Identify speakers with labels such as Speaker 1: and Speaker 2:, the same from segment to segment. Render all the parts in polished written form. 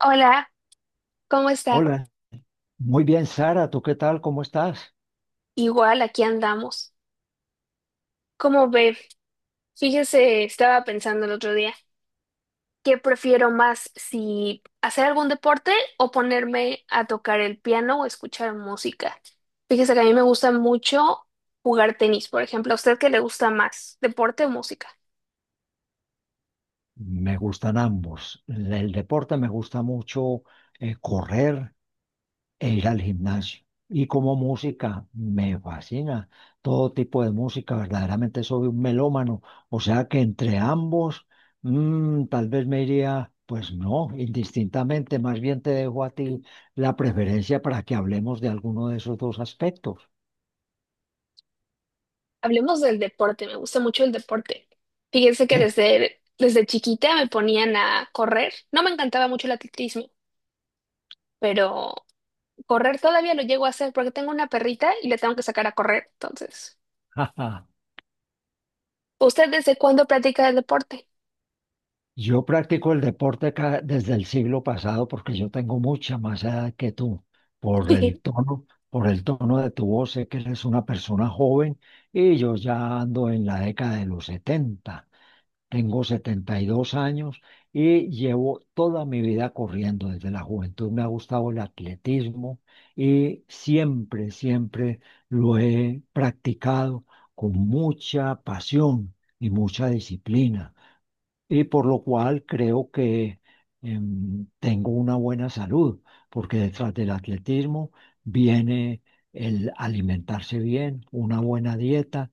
Speaker 1: Hola, ¿cómo está?
Speaker 2: Hola, muy bien, Sara, ¿tú qué tal? ¿Cómo estás?
Speaker 1: Igual aquí andamos. ¿Cómo ve? Fíjese, estaba pensando el otro día, ¿qué prefiero más, si hacer algún deporte o ponerme a tocar el piano o escuchar música? Fíjese que a mí me gusta mucho jugar tenis, por ejemplo. ¿A usted qué le gusta más, deporte o música?
Speaker 2: Me gustan ambos. El deporte me gusta mucho correr e ir al gimnasio. Y como música, me fascina todo tipo de música. Verdaderamente soy un melómano. O sea que entre ambos, tal vez me iría, pues no, indistintamente. Más bien te dejo a ti la preferencia para que hablemos de alguno de esos dos aspectos.
Speaker 1: Hablemos del deporte, me gusta mucho el deporte. Fíjese que desde chiquita me ponían a correr. No me encantaba mucho el atletismo, pero correr todavía lo llego a hacer porque tengo una perrita y le tengo que sacar a correr. Entonces,
Speaker 2: Jaja.
Speaker 1: ¿usted desde cuándo practica el deporte?
Speaker 2: Yo practico el deporte desde el siglo pasado porque yo tengo mucha más edad que tú. Por el tono, por el tono de tu voz, sé que eres una persona joven y yo ya ando en la década de los setenta. Tengo 72 años y llevo toda mi vida corriendo. Desde la juventud me ha gustado el atletismo y siempre lo he practicado con mucha pasión y mucha disciplina, y por lo cual creo que tengo una buena salud, porque detrás del atletismo viene el alimentarse bien, una buena dieta,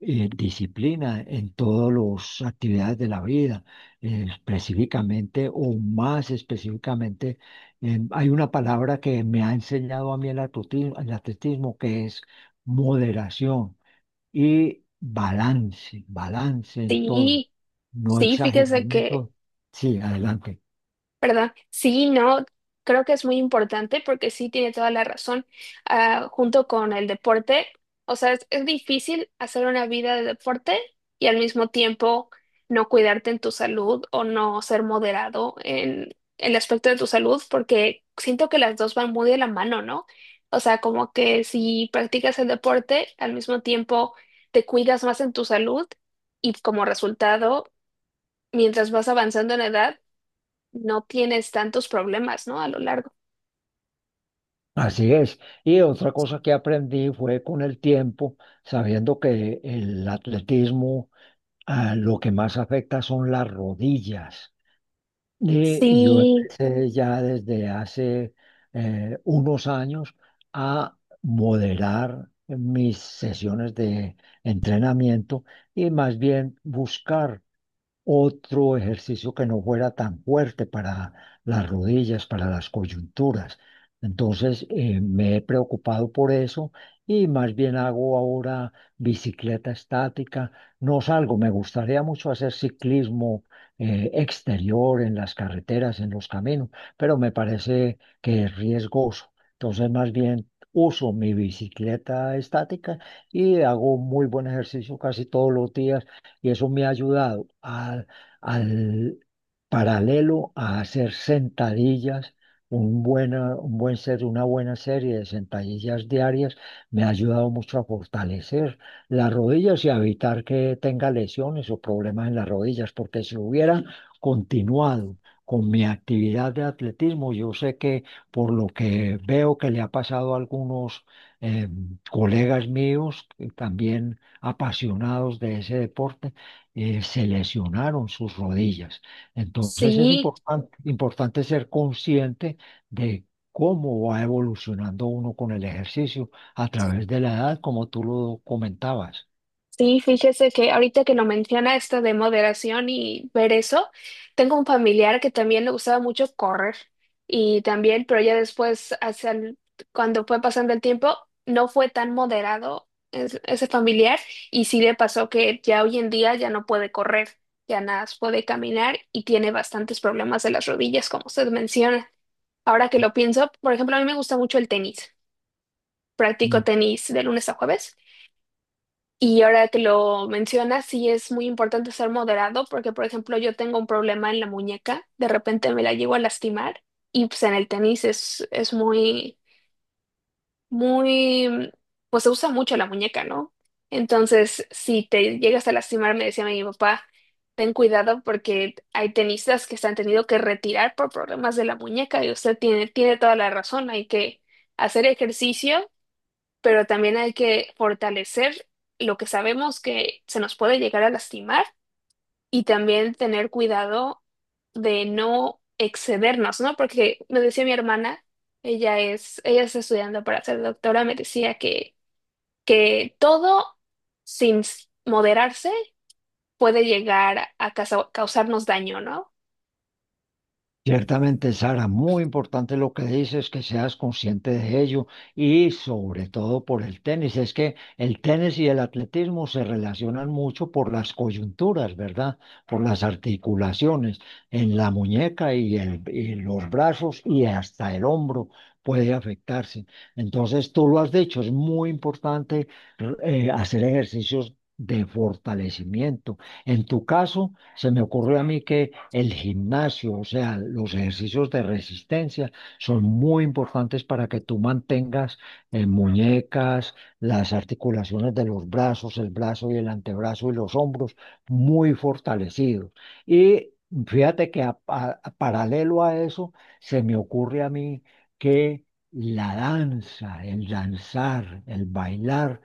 Speaker 2: disciplina en todas las actividades de la vida, específicamente o más específicamente. Em, Hay una palabra que me ha enseñado a mí el atletismo, que es moderación y balance, balance en todo,
Speaker 1: Sí,
Speaker 2: no
Speaker 1: sí, fíjese
Speaker 2: exagerarme en
Speaker 1: que,
Speaker 2: todo. Sí, adelante.
Speaker 1: ¿verdad? Sí, no, creo que es muy importante porque sí tiene toda la razón. Ah, junto con el deporte, o sea, es difícil hacer una vida de deporte y al mismo tiempo no cuidarte en tu salud o no ser moderado en el aspecto de tu salud, porque siento que las dos van muy de la mano, ¿no? O sea, como que si practicas el deporte, al mismo tiempo te cuidas más en tu salud y, como resultado, mientras vas avanzando en edad, no tienes tantos problemas, ¿no? A lo largo.
Speaker 2: Así es. Y otra cosa que aprendí fue con el tiempo, sabiendo que el atletismo, lo que más afecta son las rodillas. Y yo
Speaker 1: Sí,
Speaker 2: empecé ya desde hace unos años a moderar mis sesiones de entrenamiento, y más bien buscar otro ejercicio que no fuera tan fuerte para las rodillas, para las coyunturas. Entonces, me he preocupado por eso y más bien hago ahora bicicleta estática. No salgo, me gustaría mucho hacer ciclismo exterior en las carreteras, en los caminos, pero me parece que es riesgoso. Entonces, más bien uso mi bicicleta estática y hago muy buen ejercicio casi todos los días, y eso me ha ayudado al, al paralelo a hacer sentadillas. Un buena, un buen ser, una buena serie de sentadillas diarias me ha ayudado mucho a fortalecer las rodillas y a evitar que tenga lesiones o problemas en las rodillas, porque si hubiera continuado con mi actividad de atletismo, yo sé que, por lo que veo que le ha pasado a algunos eh, colegas míos, también apasionados de ese deporte, se lesionaron sus rodillas. Entonces es
Speaker 1: sí,
Speaker 2: importante ser consciente de cómo va evolucionando uno con el ejercicio a través de la edad, como tú lo comentabas.
Speaker 1: sí, fíjese que ahorita que lo menciona esto de moderación y ver eso, tengo un familiar que también le gustaba mucho correr y también, pero ya después, hacia cuando fue pasando el tiempo, no fue tan moderado ese familiar y sí le pasó que ya hoy en día ya no puede correr, ya nada más puede caminar y tiene bastantes problemas de las rodillas, como usted menciona. Ahora que lo pienso, por ejemplo, a mí me gusta mucho el tenis. Practico tenis de lunes a jueves. Y ahora que lo mencionas, sí es muy importante ser moderado porque, por ejemplo, yo tengo un problema en la muñeca, de repente me la llego a lastimar y pues en el tenis es muy, muy, pues, se usa mucho la muñeca, ¿no? Entonces, si te llegas a lastimar, me decía mi papá, ten cuidado porque hay tenistas que se han tenido que retirar por problemas de la muñeca, y usted tiene, tiene toda la razón, hay que hacer ejercicio pero también hay que fortalecer lo que sabemos que se nos puede llegar a lastimar, y también tener cuidado de no excedernos, ¿no? Porque me decía mi hermana, ella está estudiando para ser doctora, me decía que todo sin s- moderarse puede llegar a causarnos daño, ¿no?
Speaker 2: Ciertamente, Sara, muy importante lo que dices, que seas consciente de ello y sobre todo por el tenis. Es que el tenis y el atletismo se relacionan mucho por las coyunturas, ¿verdad? Por las articulaciones en la muñeca y, y los brazos y hasta el hombro puede afectarse. Entonces, tú lo has dicho, es muy importante hacer ejercicios de fortalecimiento. En tu caso... Se me ocurrió a mí que el gimnasio, o sea, los ejercicios de resistencia son muy importantes para que tú mantengas muñecas, las articulaciones de los brazos, el brazo y el antebrazo y los hombros muy fortalecidos. Y fíjate que paralelo a eso, se me ocurre a mí que la danza, el danzar, el bailar,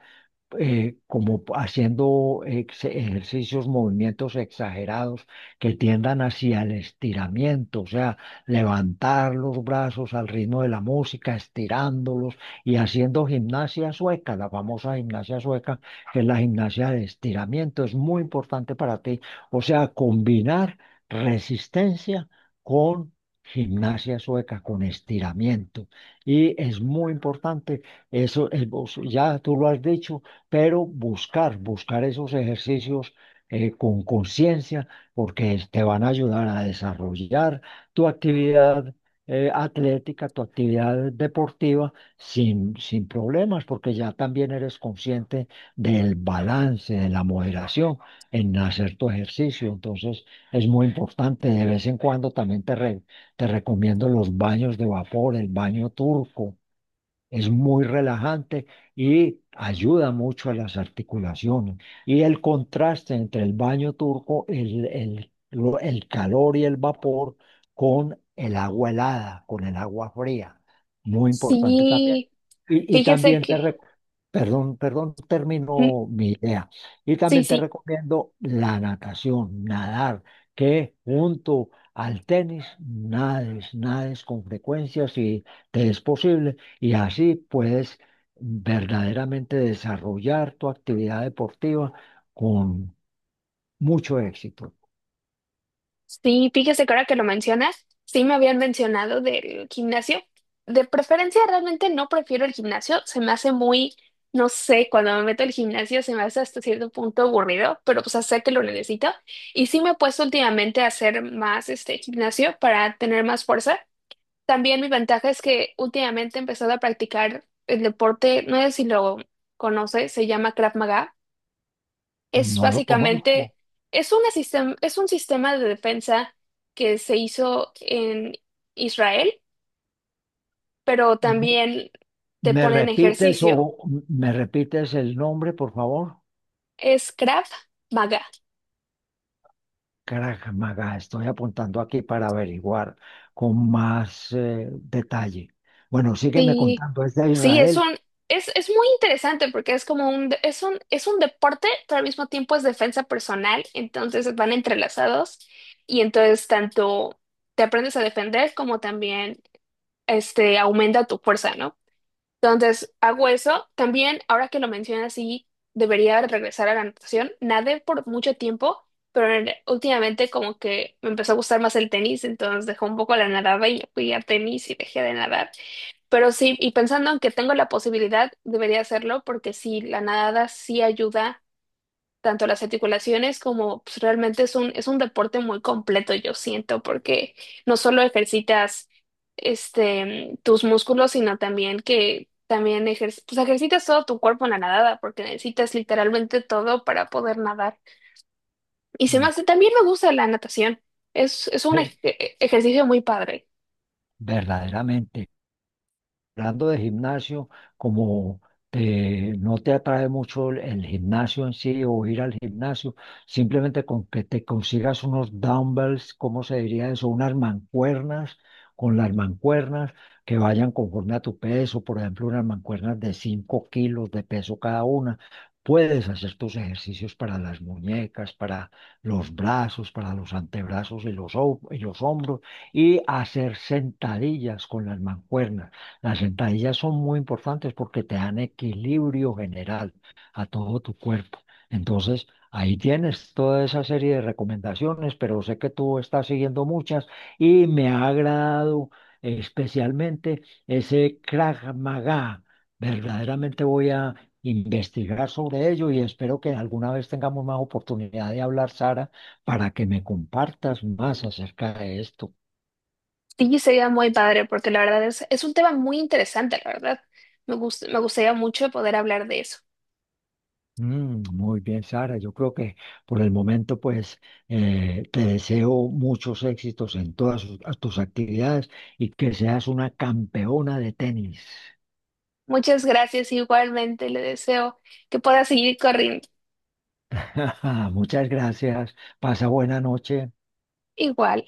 Speaker 2: como haciendo ejercicios, movimientos exagerados que tiendan hacia el estiramiento, o sea, levantar los brazos al ritmo de la música, estirándolos, y haciendo gimnasia sueca, la famosa gimnasia sueca, que es la gimnasia de estiramiento, es muy importante para ti, o sea, combinar resistencia con... Gimnasia sueca con estiramiento. Y es muy importante, ya tú lo has dicho, pero buscar esos ejercicios con conciencia, porque te van a ayudar a desarrollar tu actividad atlética, tu actividad deportiva sin problemas, porque ya también eres consciente del balance, de la moderación en hacer tu ejercicio. Entonces, es muy importante. De vez en cuando también te recomiendo los baños de vapor, el baño turco es muy relajante y ayuda mucho a las articulaciones. Y el contraste entre el baño turco, el calor y el vapor con el agua helada, con el agua fría. Muy importante también.
Speaker 1: Sí,
Speaker 2: Y, y
Speaker 1: fíjese
Speaker 2: también te
Speaker 1: que,
Speaker 2: rec- Perdón, perdón,
Speaker 1: mm,
Speaker 2: termino mi idea. Y
Speaker 1: sí,
Speaker 2: también te
Speaker 1: sí.
Speaker 2: recomiendo la natación, nadar, que junto al tenis nades, nades con frecuencia si te es posible, y así puedes verdaderamente desarrollar tu actividad deportiva con mucho éxito.
Speaker 1: Sí, fíjese que ahora que lo mencionas, sí me habían mencionado del gimnasio. De preferencia, realmente no prefiero el gimnasio. Se me hace muy, no sé, cuando me meto al gimnasio se me hace hasta cierto punto aburrido, pero pues sé que lo necesito. Y sí me he puesto últimamente a hacer más este gimnasio para tener más fuerza. También mi ventaja es que últimamente he empezado a practicar el deporte, no sé si lo conoce, se llama Krav Maga. Es
Speaker 2: No lo
Speaker 1: básicamente,
Speaker 2: conozco.
Speaker 1: es un sistema de defensa que se hizo en Israel, pero
Speaker 2: ¿Me
Speaker 1: también te
Speaker 2: me
Speaker 1: ponen
Speaker 2: repites o
Speaker 1: ejercicio.
Speaker 2: me repites el nombre, por favor?
Speaker 1: Es Krav Maga.
Speaker 2: Krav Maga, estoy apuntando aquí para averiguar con más detalle. Bueno, sígueme
Speaker 1: Sí,
Speaker 2: contando, es de
Speaker 1: sí,
Speaker 2: Israel.
Speaker 1: es muy interesante porque es un deporte, pero al mismo tiempo es defensa personal, entonces van entrelazados, y entonces tanto te aprendes a defender como también este, aumenta tu fuerza, ¿no? Entonces, hago eso. También, ahora que lo mencionas, sí, debería regresar a la natación. Nadé por mucho tiempo, pero últimamente como que me empezó a gustar más el tenis, entonces dejé un poco la nadada y fui a tenis y dejé de nadar. Pero sí, y pensando en que tengo la posibilidad, debería hacerlo porque sí, la nadada sí ayuda tanto las articulaciones como pues, realmente es un deporte muy completo, yo siento, porque no solo ejercitas este, tus músculos, sino también que también pues, ejercitas todo tu cuerpo en la nadada, porque necesitas literalmente todo para poder nadar. Y se me
Speaker 2: Mm,
Speaker 1: hace, también me gusta la natación, es un
Speaker 2: eh,
Speaker 1: ej- e- ejercicio muy padre.
Speaker 2: verdaderamente. Hablando de gimnasio, como no te atrae mucho el gimnasio en sí o ir al gimnasio, simplemente con que te consigas unos dumbbells, ¿cómo se diría eso? Unas mancuernas, con las mancuernas que vayan conforme a tu peso, por ejemplo, unas mancuernas de 5 kilos de peso cada una. Puedes hacer tus ejercicios para las muñecas, para los brazos, para los antebrazos y y los hombros, y hacer sentadillas con las mancuernas. Las sentadillas son muy importantes porque te dan equilibrio general a todo tu cuerpo. Entonces, ahí tienes toda esa serie de recomendaciones, pero sé que tú estás siguiendo muchas y me ha agradado especialmente ese Krav Maga. Verdaderamente voy a investigar sobre ello y espero que alguna vez tengamos más oportunidad de hablar, Sara, para que me compartas más acerca de esto.
Speaker 1: Sí, sería muy padre, porque la verdad es un tema muy interesante, la verdad. Me gustaría mucho poder hablar de eso.
Speaker 2: Mm, muy bien, Sara. Yo creo que por el momento, pues, te deseo muchos éxitos en todas tus actividades y que seas una campeona de tenis.
Speaker 1: Muchas gracias, igualmente le deseo que pueda seguir corriendo
Speaker 2: Muchas gracias. Pasa buena noche.
Speaker 1: igual.